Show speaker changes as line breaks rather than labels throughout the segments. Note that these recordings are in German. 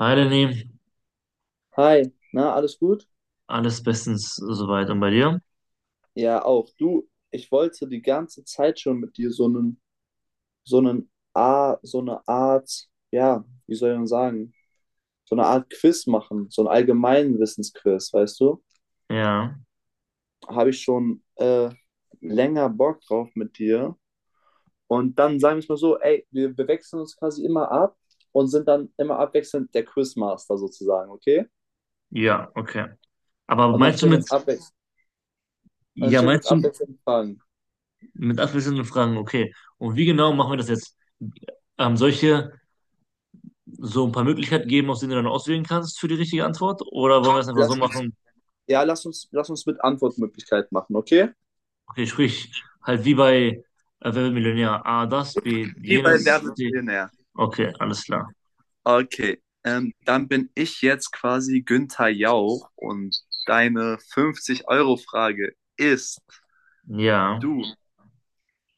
Hi Lenny,
Hi, na, alles gut?
alles bestens soweit und bei dir?
Ja, auch. Du, ich wollte die ganze Zeit schon mit dir so einen A, so eine Art, ja, wie soll ich denn sagen, so eine Art Quiz machen, so ein allgemeinen Wissensquiz, weißt du?
Ja,
Habe ich schon länger Bock drauf mit dir. Und dann sagen wir es mal so, ey, wir wechseln uns quasi immer ab und sind dann immer abwechselnd der Quizmaster sozusagen, okay?
ja, okay. Aber
Und dann
meinst du
stellen wir
mit,
uns abwechselnd, dann
ja,
stellen wir uns
meinst du
abwechselnd Fragen.
mit abwechselnden Fragen. Okay. Und wie genau machen wir das jetzt? Soll ich dir so ein paar Möglichkeiten geben, aus denen du dann auswählen kannst für die richtige Antwort? Oder wollen wir es einfach so
Lass uns
machen?
Ja, lass uns mit Antwortmöglichkeit machen, okay?
Okay, sprich halt wie bei Wer wird Millionär? A, das, B,
Wie bei Wer
jenes,
wird
C.
Millionär?
Okay, alles klar.
Okay, dann bin ich jetzt quasi Günther Jauch und deine 50-Euro-Frage ist
Ja,
du.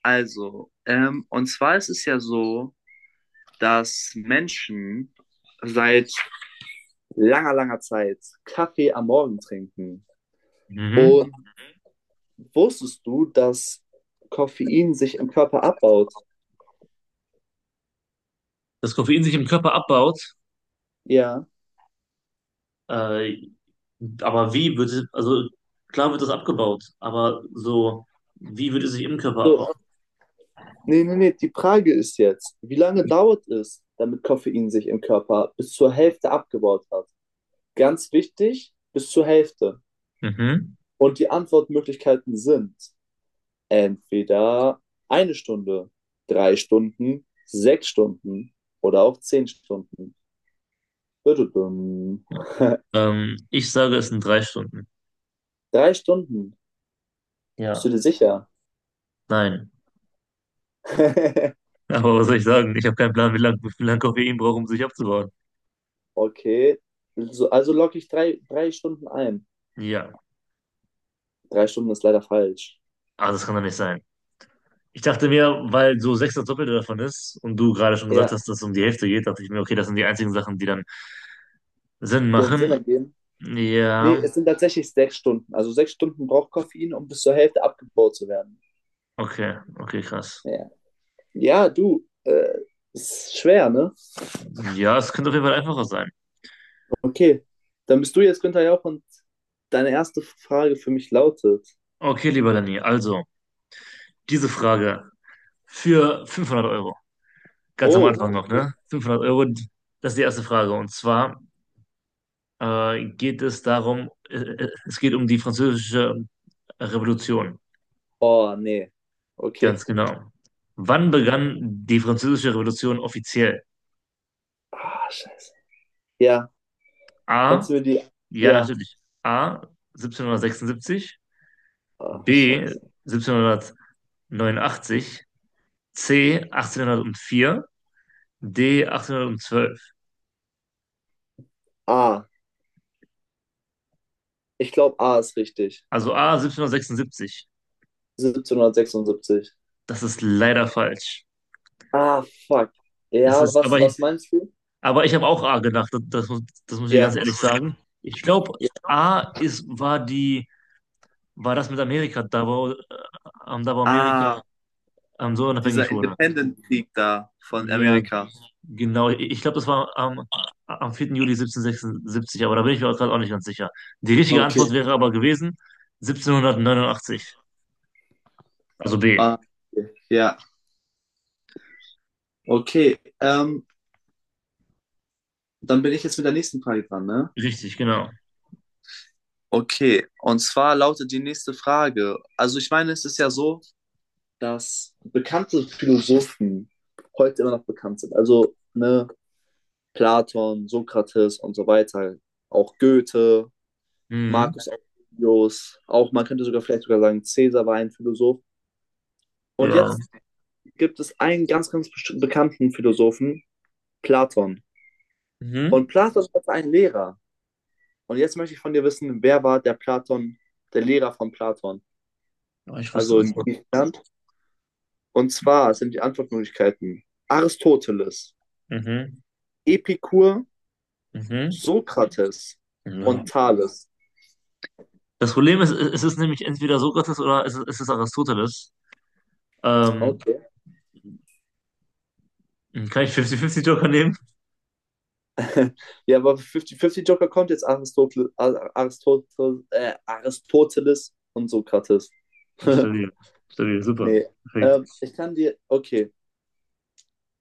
Also, und zwar ist es ja so, dass Menschen seit langer, langer Zeit Kaffee am Morgen trinken.
mhm.
Und wusstest du, dass Koffein sich im Körper abbaut?
Das Koffein sich im Körper abbaut,
Ja.
äh, aber wie wird es, also klar wird das abgebaut, aber so, wie würde es sich im Körper
So,
abbauen?
Nee, nee, nee, die Frage ist jetzt, wie lange dauert es, damit Koffein sich im Körper bis zur Hälfte abgebaut hat? Ganz wichtig, bis zur Hälfte.
Mhm.
Und die Antwortmöglichkeiten sind entweder eine Stunde, drei Stunden, sechs Stunden oder auch zehn Stunden. Dududum.
Ich sage, es sind 3 Stunden.
Drei Stunden, bist
Ja,
du dir sicher?
nein. Aber was soll ich sagen? Ich habe keinen Plan, wie viel lang Koffein braucht, um sich abzubauen.
Okay, also logge ich drei Stunden ein.
Ja,
Drei Stunden ist leider falsch.
ah, das kann doch nicht sein. Ich dachte mir, weil so sechs das Doppelte davon ist und du gerade schon gesagt
Ja,
hast, dass es um die Hälfte geht, dachte ich mir, okay, das sind die einzigen Sachen, die dann Sinn
den Sinn
machen.
ergeben. Nee,
Ja,
es sind tatsächlich sechs Stunden. Also sechs Stunden braucht Koffein, um bis zur Hälfte abgebaut zu werden.
okay, okay, krass.
Ja, ja du, ist schwer, ne?
Ja, es könnte auf jeden Fall einfacher sein.
Okay, dann bist du jetzt Günther Jauch und deine erste Frage für mich lautet:
Okay, lieber Danny, also diese Frage für 500 Euro. Ganz am
Oh,
Anfang noch,
okay.
ne? 500 Euro, das ist die erste Frage. Und zwar es geht um die Französische Revolution.
Oh, nee, okay.
Ganz genau. Wann begann die Französische Revolution offiziell?
Ah, scheiße. Ja,
A,
kannst du mir die.
ja,
Ja,
natürlich. A, 1776,
ah,
B,
scheiße.
1789, C, 1804, D, 1812.
A, ich glaube, A ist richtig.
Also A, 1776.
1776.
Das ist leider falsch.
Ah, fuck.
Es
Ja,
ist,
was, was meinst du?
aber ich habe auch A gedacht, das muss ich ganz
Ja.
ehrlich sagen. Ich glaube, A ist, war die, war das mit Amerika, da wo Amerika
Ah,
so
dieser
unabhängig wurde.
Independent-Krieg da von
Ja,
Amerika.
genau. Ich glaube, das war am 4. Juli 1776. Aber da bin ich mir gerade auch nicht ganz sicher. Die richtige
Okay.
Antwort wäre aber gewesen 1789. Also B.
Ah, okay. Ja, okay. Dann bin ich jetzt mit der nächsten Frage dran, ne?
Richtig, genau.
Okay, und zwar lautet die nächste Frage. Also ich meine, es ist ja so, dass bekannte Philosophen heute immer noch bekannt sind. Also, ne, Platon, Sokrates und so weiter. Auch Goethe,
Mhm.
Marcus Aurelius, auch man könnte sogar vielleicht sogar sagen, Cäsar war ein Philosoph. Und
Ja.
jetzt gibt es einen ganz bekannten Philosophen, Platon. Und
Mhm.
Platon hat einen Lehrer. Und jetzt möchte ich von dir wissen, wer war der Lehrer von Platon?
Aber ich wusste
Also
das.
in Griechenland. Und zwar sind die Antwortmöglichkeiten Aristoteles,
Mhm.
Epikur,
Mhm.
Sokrates
Ja.
und Thales.
Das Problem ist, es ist nämlich entweder Sokrates oder es ist Aristoteles. Ähm,
Okay.
Kann ich 50-50 Joker nehmen?
Ja, aber 50-50 Joker kommt jetzt Aristoteles und Sokrates.
Stabil. Stabil, super.
Nee.
Perfekt.
Ich kann dir. Okay.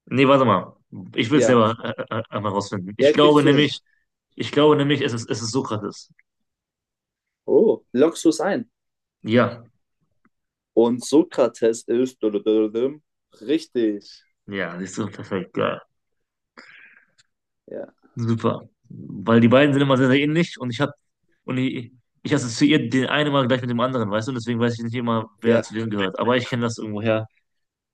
Nee, warte mal. Ich will es
Ja.
selber einmal rausfinden. Ich
Ja,
glaube
kriegst du hin.
nämlich, es ist Sokrates.
Oh, lockst du es ein?
Ja,
Und Sokrates ist richtig.
ja, siehst du, perfekt, geil.
Ja,
Super. Weil die beiden sind immer sehr, sehr ähnlich und ich assoziiere den einen immer gleich mit dem anderen, weißt du? Und deswegen weiß ich nicht immer, wer
ja,
zu wem gehört. Aber ich kenne das irgendwoher.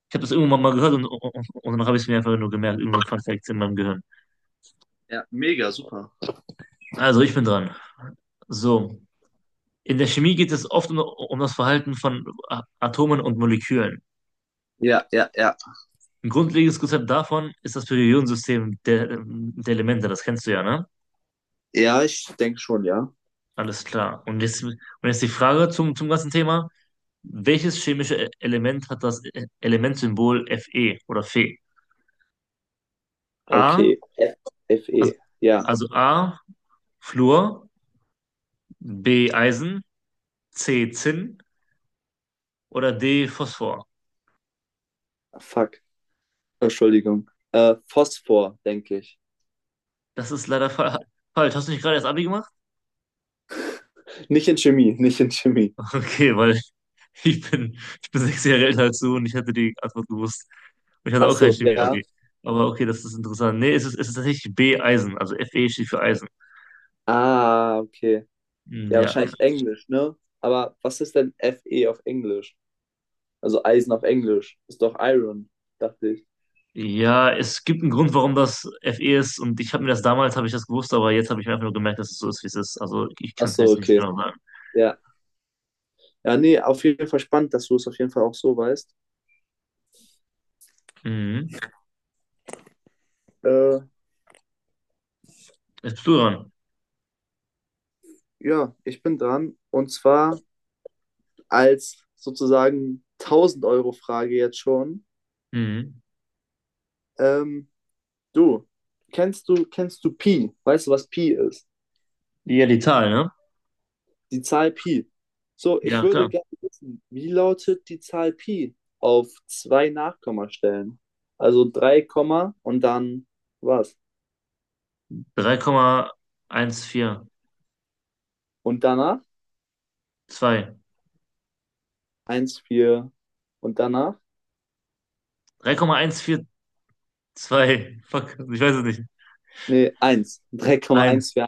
Ich habe das irgendwann mal gehört und dann habe ich es mir einfach nur gemerkt, irgendein Fun Fact in meinem Gehirn.
ja, mega, super.
Also, ich bin dran. So, in der Chemie geht es oft um das Verhalten von Atomen und Molekülen.
Ja, ja, ja.
Ein grundlegendes Konzept davon ist das Periodensystem der Elemente, das kennst du ja, ne?
Ja, ich denke schon, ja.
Alles klar. Und jetzt die Frage zum ganzen Thema. Welches chemische Element hat das Elementsymbol Fe oder Fe? A,
Okay.
also,
FE. Ja,
A, Fluor, B, Eisen, C, Zinn oder D, Phosphor.
fuck. Entschuldigung. Phosphor, denke ich.
Das ist leider fa falsch. Hast du nicht gerade erst Abi gemacht?
Nicht in Chemie, nicht in Chemie.
Okay, weil ich bin 6 Jahre älter als du und ich hätte die Antwort gewusst. Und ich hatte
Ach
auch kein
so, ja.
Chemie-Abi. Aber okay, das ist interessant. Nee, es ist tatsächlich B, Eisen. Also Fe steht für Eisen.
Ah, okay.
Hm,
Ja,
ja.
wahrscheinlich Englisch, ne? Aber was ist denn FE auf Englisch? Also Eisen auf Englisch. Ist doch Iron, dachte ich.
Ja, es gibt einen Grund, warum das Fe ist. Und ich habe mir das damals, habe ich das gewusst, aber jetzt habe ich mir einfach nur gemerkt, dass es so ist, wie es ist. Also ich
Ach
kann es
so,
jetzt nicht
okay.
genau sagen.
Ja. Ja, nee, auf jeden Fall spannend, dass du es auf jeden Fall auch so weißt.
Mhm.
Äh,
Jetzt bist du dran.
ja, ich bin dran. Und zwar als sozusagen 1000-Euro-Frage jetzt schon.
Mhm.
Ähm, du, kennst du Pi? Weißt du, was Pi ist?
Ja, die Zahl, ne?
Die Zahl Pi. So, ich
Ja,
würde
klar.
gerne wissen, wie lautet die Zahl Pi auf zwei Nachkommastellen? Also 3 Komma und dann was?
Drei Komma eins vier
Und danach?
Zwei.
Eins 4. Und danach?
3,142. Fuck, ich weiß es nicht.
Nee, 1.
Eins.
3,14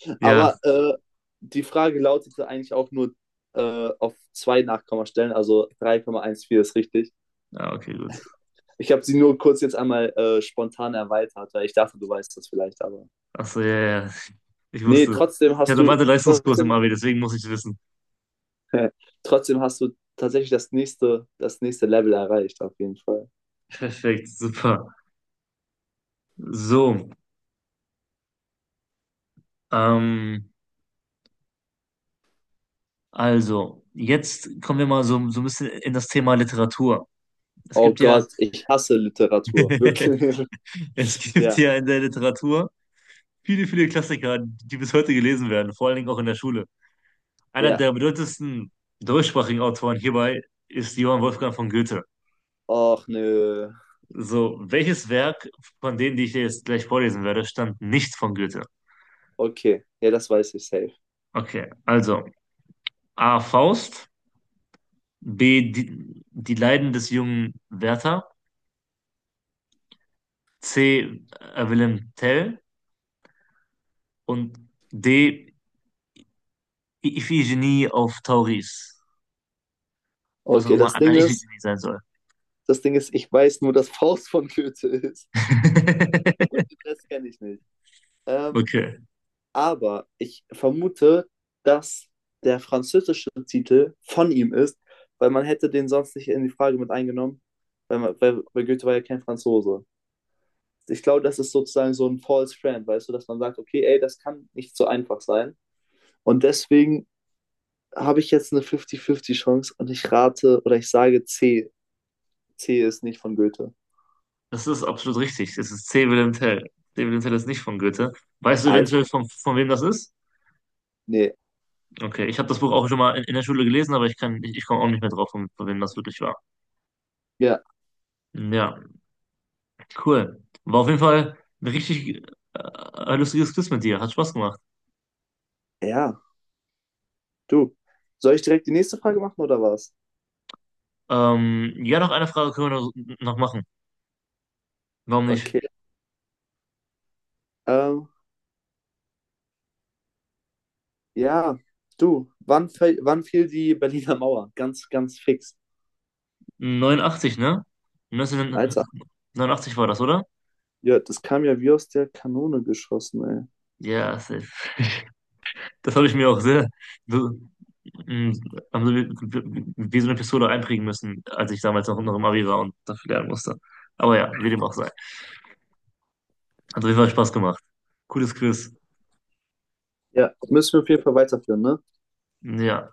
Ja.
Aber die Frage lautete eigentlich auch nur auf zwei Nachkommastellen, also drei Komma eins vier ist richtig.
Ja, okay, gut.
Ich habe sie nur kurz jetzt einmal spontan erweitert, weil ich dachte, du weißt das vielleicht, aber.
Achso, ja, ja, ja. Ich
Nee,
wusste es.
trotzdem
Ich
hast
hatte
du
Mathe-Leistungskurs im
trotzdem,
Abi, deswegen muss ich es wissen.
trotzdem hast du tatsächlich das nächste Level erreicht, auf jeden Fall.
Perfekt, super. So, ähm, also, jetzt kommen wir mal so, ein bisschen in das Thema Literatur. Es
Oh
gibt ja,
Gott, ich hasse Literatur. Wirklich.
es gibt
Ja,
ja in der Literatur viele, viele Klassiker, die bis heute gelesen werden, vor allen Dingen auch in der Schule. Einer
ja.
der bedeutendsten deutschsprachigen Autoren hierbei ist Johann Wolfgang von Goethe.
Och nö.
So, welches Werk von denen, die ich dir jetzt gleich vorlesen werde, stammt nicht von Goethe?
Okay. Ja, das weiß ich safe.
Okay, also A. Faust, B. Die Leiden des jungen Werther, C. Wilhelm Tell und D. Iphigenie auf Tauris. Was auch
Okay,
immer
das Ding
eine
ist,
Iphigenie sein soll.
das Ding ist, ich weiß nur, dass Faust von Goethe ist. Und den Rest kenne ich nicht. Ähm,
Okay,
aber ich vermute, dass der französische Titel von ihm ist, weil man hätte den sonst nicht in die Frage mit eingenommen, weil Goethe war ja kein Franzose. Ich glaube, das ist sozusagen so ein false friend, weißt du, dass man sagt, okay, ey, das kann nicht so einfach sein. Und deswegen habe ich jetzt eine 50-50 Chance und ich rate oder ich sage C. C ist nicht von Goethe.
das ist absolut richtig. Das ist C. Wilhelm Tell. C. Wilhelm Tell ist nicht von Goethe. Weißt du
Alter,
eventuell, von wem das ist?
nee,
Okay, ich habe das Buch auch schon mal in der Schule gelesen, aber ich komme auch nicht mehr drauf, von wem das wirklich war.
ja,
Ja, cool. War auf jeden Fall ein richtig äh, lustiges Quiz mit dir. Hat Spaß gemacht.
ja, du. Soll ich direkt die nächste Frage machen oder was?
Ja, noch eine Frage können wir noch machen. Warum nicht?
Okay. Ähm, ja, du, wann fiel die Berliner Mauer? Ganz, ganz fix.
89, ne?
Alter,
1989 war das, oder?
ja, das kam ja wie aus der Kanone geschossen, ey.
Ja, safe. Das habe ich mir auch sehr so, mh, also wie so eine Pistole einprägen müssen, als ich damals noch im Abi war und dafür lernen musste. Aber ja, wie dem auch sei. Hat auf jeden Fall Spaß gemacht. Cooles Quiz.
Ja, müssen wir auf jeden Fall weiterführen, ne?
Ja,